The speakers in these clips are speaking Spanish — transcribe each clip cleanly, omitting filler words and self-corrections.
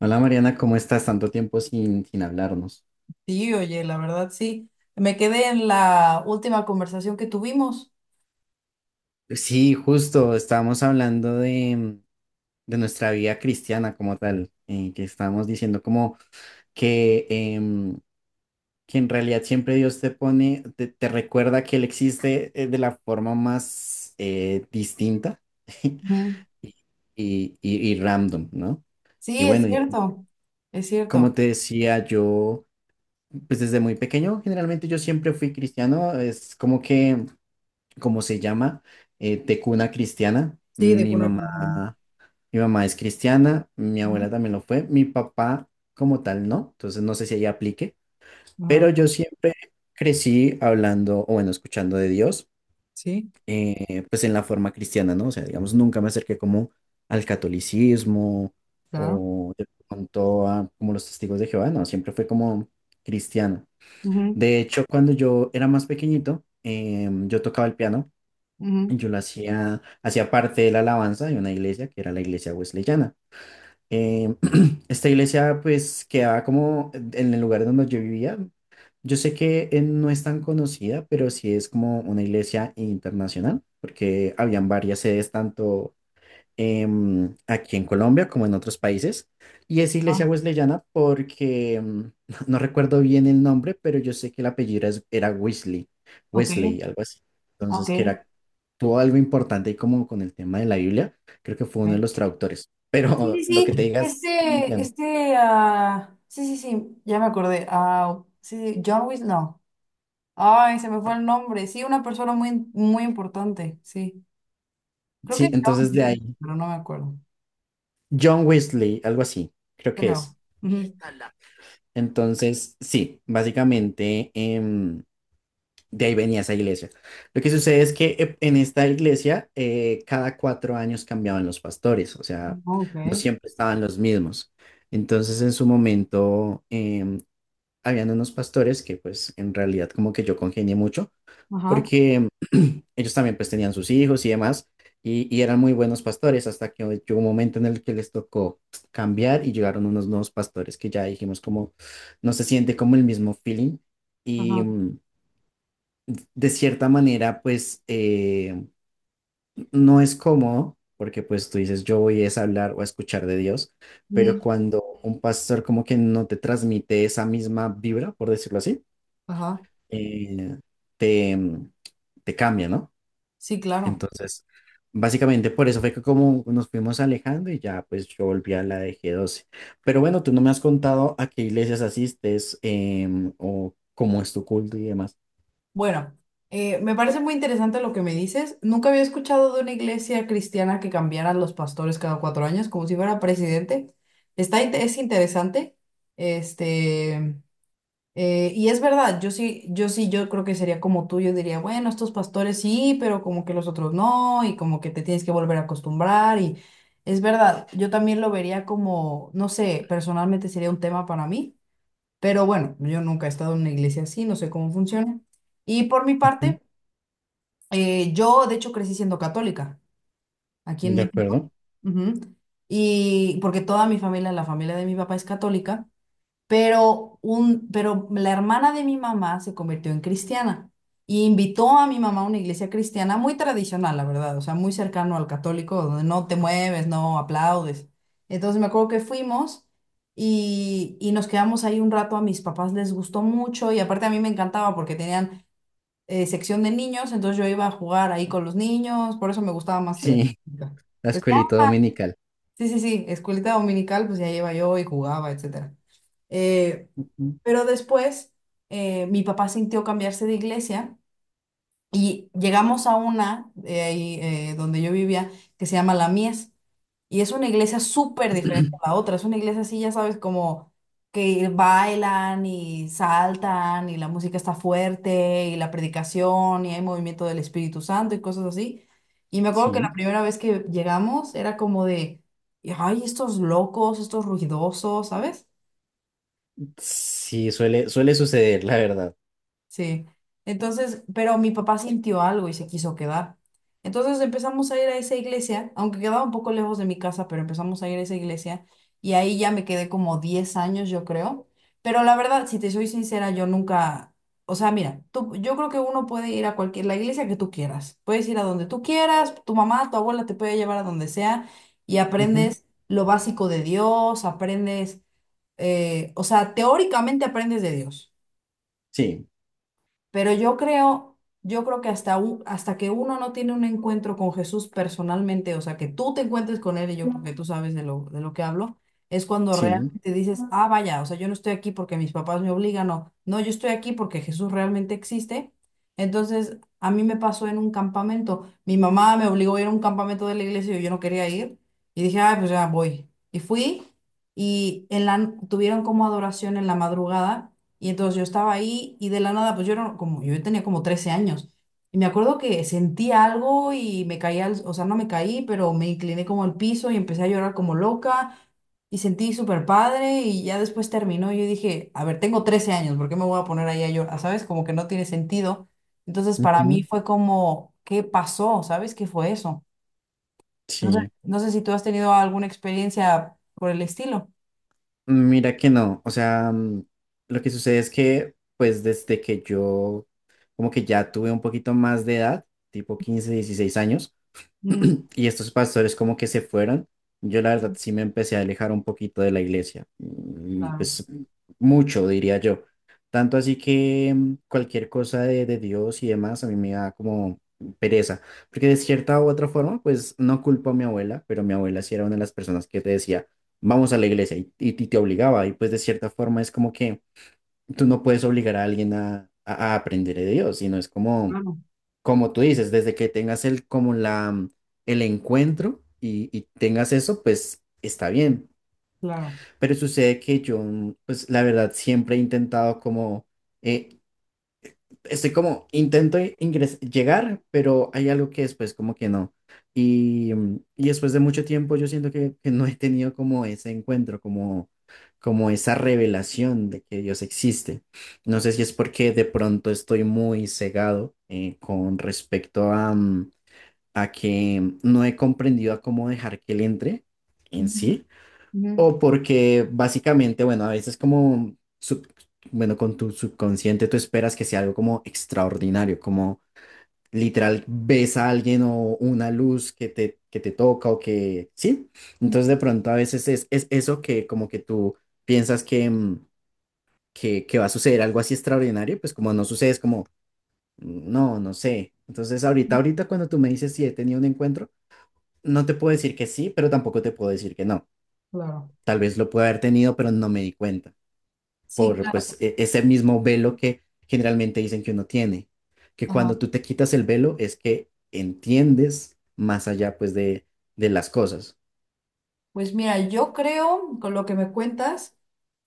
Hola Mariana, ¿cómo estás? Tanto tiempo sin hablarnos. Sí, oye, la verdad sí. Me quedé en la última conversación que tuvimos. Sí, justo, estábamos hablando de nuestra vida cristiana como tal, que estábamos diciendo como que que en realidad siempre Dios te recuerda que Él existe de la forma más distinta y, Ujú. y random, ¿no? Y Sí, es bueno, y cierto, es como cierto. te decía, yo, pues desde muy pequeño, generalmente yo siempre fui cristiano, es como que... como se llama, tecuna cristiana. Sí, de Mi cuna mamá, crecimiento. mi mamá es cristiana, mi Ujú. abuela también lo fue, mi papá como tal no, entonces no sé si ella aplique, Ajá. pero yo siempre crecí hablando, o bueno, escuchando de Dios, Sí, pues en la forma cristiana, ¿no? O sea, digamos, nunca me acerqué como al catolicismo claro. o de pronto a como los testigos de Jehová, no, siempre fue como cristiano. Ujú, De hecho, cuando yo era más pequeñito, yo tocaba el piano, ujú. yo la hacía parte de la alabanza de una iglesia que era la iglesia wesleyana. Em, esta iglesia pues quedaba como en el lugar donde yo vivía. Yo sé que no es tan conocida, pero sí es como una iglesia internacional, porque habían varias sedes tanto aquí en Colombia como en otros países. Y es Ah, iglesia wesleyana porque no recuerdo bien el nombre, pero yo sé que el apellido era Wesley, ok, Wesley, algo así. ok. Entonces, que era, tuvo algo importante y como con el tema de la Biblia, creo que fue uno de Eh, los traductores. Sí, sí, Pero lo sí. que te digas, estoy mintiendo. Sí, sí, sí, ya me acordé. Ah, sí, sí, John Wick, no. Ay, se me fue el nombre. Sí, una persona muy, muy importante, sí. Creo que Sí, John, entonces de Wick, ahí, pero no me acuerdo. John Wesley, algo así, creo que Pero, es. ujú. Entonces, sí, básicamente, de ahí venía esa iglesia. Lo que sucede es que en esta iglesia cada cuatro años cambiaban los pastores, o Oh, sea, no ok, siempre estaban los mismos. Entonces en su momento habían unos pastores que pues en realidad como que yo congenié mucho ajá, porque ellos también pues tenían sus hijos y demás y eran muy buenos pastores hasta que llegó un momento en el que les tocó cambiar y llegaron unos nuevos pastores que ya dijimos como no se siente como el mismo feeling. Y, ajá, de cierta manera, pues no es cómodo, porque pues tú dices, yo voy es a hablar o a escuchar de Dios, pero mm, cuando un pastor como que no te transmite esa misma vibra, por decirlo así, ajá, eh, te, te cambia, ¿no? sí, claro. Entonces, básicamente por eso fue que como nos fuimos alejando y ya pues yo volví a la de G12. Pero bueno, tú no me has contado a qué iglesias asistes, o cómo es tu culto y demás. Bueno, me parece muy interesante lo que me dices. Nunca había escuchado de una iglesia cristiana que cambiara los pastores cada 4 años, como si fuera presidente. Es interesante. Este, y es verdad, yo sí, yo creo que sería como tú, yo diría, bueno, estos pastores sí, pero como que los otros no, y como que te tienes que volver a acostumbrar. Y es verdad, yo también lo vería como, no sé, personalmente sería un tema para mí. Pero bueno, yo nunca he estado en una iglesia así, no sé cómo funciona. Y por mi Ujú. parte, yo de hecho crecí siendo católica aquí en ¿De México. acuerdo? Ujú. Y porque toda mi familia, la familia de mi papá es católica. Pero la hermana de mi mamá se convirtió en cristiana y invitó a mi mamá a una iglesia cristiana muy tradicional, la verdad, o sea, muy cercano al católico, donde no te mueves, no aplaudes. Entonces me acuerdo que fuimos y nos quedamos ahí un rato, a mis papás les gustó mucho y aparte a mí me encantaba porque tenían sección de niños, entonces yo iba a jugar ahí con los niños, por eso me gustaba más que la Sí, católica. la Pues ya escuelita dominical. sí, sí, sí, escuelita dominical, pues ya iba yo y jugaba, etcétera. Eh, Ujú. pero después mi papá sintió cambiarse de iglesia y llegamos a una donde yo vivía, que se llama La Mies. Y es una iglesia súper diferente a la otra. Es una iglesia así, ya sabes, como que bailan y saltan y la música está fuerte y la predicación y hay movimiento del Espíritu Santo y cosas así. Y me acuerdo que la Sí, primera vez que llegamos era como de, ay, estos locos, estos ruidosos, ¿sabes? sí, suele, suele suceder, la verdad. Sí. Entonces, pero mi papá sintió algo y se quiso quedar. Entonces empezamos a ir a esa iglesia, aunque quedaba un poco lejos de mi casa, pero empezamos a ir a esa iglesia y ahí ya me quedé como 10 años, yo creo. Pero la verdad, si te soy sincera, yo nunca, o sea, mira, tú, yo creo que uno puede ir a cualquier, la iglesia que tú quieras. Puedes ir a donde tú quieras, tu mamá, tu abuela te puede llevar a donde sea y Ujú. aprendes lo básico de Dios, aprendes o sea, teóricamente aprendes de Dios. Sí, Pero yo creo que hasta que uno no tiene un encuentro con Jesús personalmente, o sea, que tú te encuentres con él, y yo creo que tú sabes de lo que hablo, es cuando sí, realmente dices, ah, vaya, o sea, yo no estoy aquí porque mis papás me obligan, no, no, yo estoy aquí porque Jesús realmente existe. Entonces, a mí me pasó en un campamento, mi mamá me obligó a ir a un campamento de la iglesia y yo no quería ir, y dije, ah, pues ya voy. Y fui, tuvieron como adoración en la madrugada. Y entonces yo estaba ahí y de la nada, pues yo era como, yo tenía como 13 años. Y me acuerdo que sentí algo y me caí al, o sea, no me caí, pero me incliné como al piso y empecé a llorar como loca y sentí súper padre y ya después terminó. Y yo dije, a ver, tengo 13 años, ¿por qué me voy a poner ahí a llorar? ¿Sabes? Como que no tiene sentido. Entonces para mí ujú, fue como, ¿qué pasó? ¿Sabes qué fue eso? No sé, sí. no sé si tú has tenido alguna experiencia por el estilo. Mira que no, o sea, lo que sucede es que, pues desde que yo como que ya tuve un poquito más de edad, tipo 15, 16 años, Mm, y estos pastores como que se fueron, yo la verdad sí me empecé a alejar un poquito de la iglesia, mm, claro, pues mucho diría yo. Tanto así que cualquier cosa de Dios y demás a mí me da como pereza, porque de cierta u otra forma, pues no culpo a mi abuela, pero mi abuela sí era una de las personas que te decía, vamos a la iglesia y, y te obligaba, y pues de cierta forma es como que tú no puedes obligar a alguien a aprender de Dios, sino es como claro, como tú dices, desde que tengas el, como la, mm, el encuentro y tengas eso, pues está bien. claro. Pero sucede que yo, mm, pues la verdad, siempre he intentado como, eh, estoy como, llegar, pero hay algo que después como que no. Y, mm, y después de mucho tiempo yo siento que no he tenido como ese encuentro, como, como esa revelación de que Dios existe. No sé si es porque de pronto estoy muy cegado con respecto a... mm, a que no he comprendido a cómo dejar que él entre en Ujú, sí, ujú, o porque básicamente, bueno, a veces bueno, con tu subconsciente tú esperas que sea algo como extraordinario, como literal ves a alguien o una luz que te toca o que, sí, entonces de pronto a veces es eso que como que tú piensas que, que va a suceder algo así extraordinario, pues como no sucede es como, "Mm, no, no sé". Entonces ahorita, ahorita cuando tú me dices si he tenido un encuentro, no te puedo decir que sí, pero tampoco te puedo decir que no. claro. Tal vez lo pueda haber tenido, pero no me di cuenta Sí, por pues claro. Ese mismo velo que generalmente dicen que uno tiene, que cuando Ajá. tú te quitas el velo es que entiendes más allá pues de las cosas. Pues mira, yo creo, con lo que me cuentas,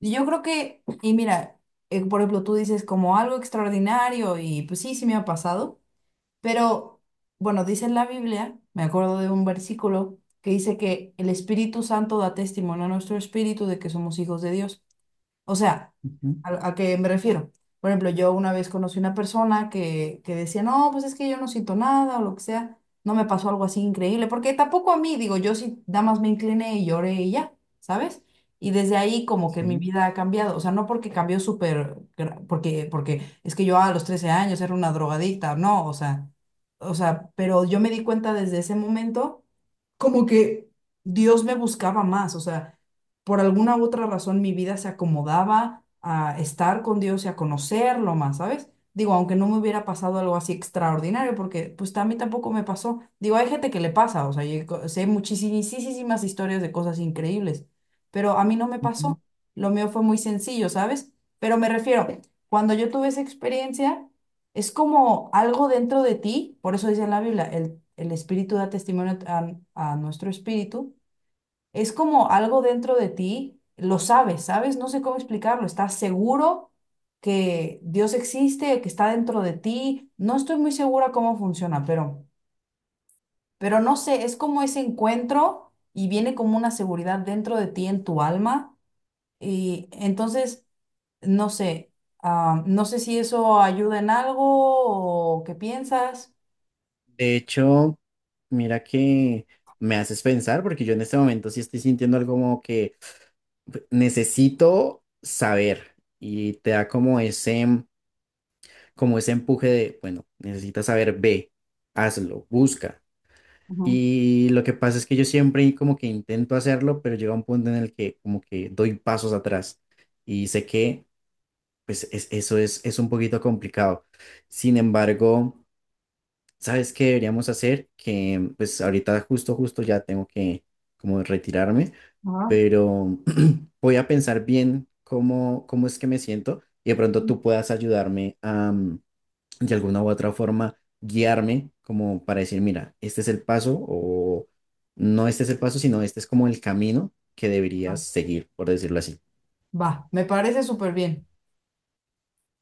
y yo creo que, y mira, por ejemplo, tú dices como algo extraordinario y pues sí, sí me ha pasado, pero bueno, dice en la Biblia, me acuerdo de un versículo que dice que el Espíritu Santo da testimonio a nuestro espíritu de que somos hijos de Dios. O sea, Ujú. A qué me refiero? Por ejemplo, yo una vez conocí una persona que decía, no, pues es que yo no siento nada o lo que sea, no me pasó algo así increíble, porque tampoco a mí, digo, yo sí, nada más me incliné y lloré y ya, ¿sabes? Y desde ahí como que mi Sí. vida ha cambiado, o sea, no porque cambió porque, porque es que yo a los 13 años era una drogadicta, no, o sea, pero yo me di cuenta desde ese momento como que Dios me buscaba más, o sea, por alguna otra razón mi vida se acomodaba a estar con Dios y a conocerlo más, ¿sabes? Digo, aunque no me hubiera pasado algo así extraordinario, porque pues a mí tampoco me pasó. Digo, hay gente que le pasa, o sea, sé muchísimas historias de cosas increíbles, pero a mí no me Ujú. pasó. Lo mío fue muy sencillo, ¿sabes? Pero me refiero, cuando yo tuve esa experiencia es como algo dentro de ti, por eso dice en la Biblia, el espíritu da testimonio a nuestro espíritu, es como algo dentro de ti, lo sabes, ¿sabes? No sé cómo explicarlo, estás seguro que Dios existe, que está dentro de ti, no estoy muy segura cómo funciona, pero no sé, es como ese encuentro y viene como una seguridad dentro de ti, en tu alma, y entonces, no sé, ah, no sé si eso ayuda en algo o qué piensas. De hecho, mira que me haces pensar porque yo en este momento sí estoy sintiendo algo como que pues, necesito saber y te da como ese empuje de, bueno, necesitas saber, ve, hazlo, busca. Y lo que pasa es que yo siempre como que intento hacerlo, pero llega un punto en el que como que doy pasos atrás y sé que pues eso es un poquito complicado. Sin embargo, ¿sabes qué deberíamos hacer? Que pues ahorita justo, justo ya tengo que como retirarme, Ajá. pero voy a pensar bien cómo, cómo es que me siento y de pronto tú puedas ayudarme de alguna u otra forma guiarme como para decir, mira, este es el paso o no, este es el paso, sino este es como el camino que Va, deberías seguir, por decirlo así. va, me parece súper bien.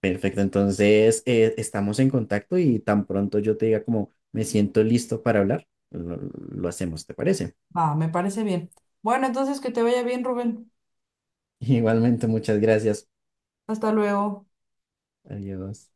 Perfecto, entonces estamos en contacto y tan pronto yo te diga como me siento listo para hablar, lo hacemos, ¿te parece? Va, me parece bien. Bueno, entonces que te vaya bien, Rubén. Igualmente, muchas gracias. Hasta luego. Adiós.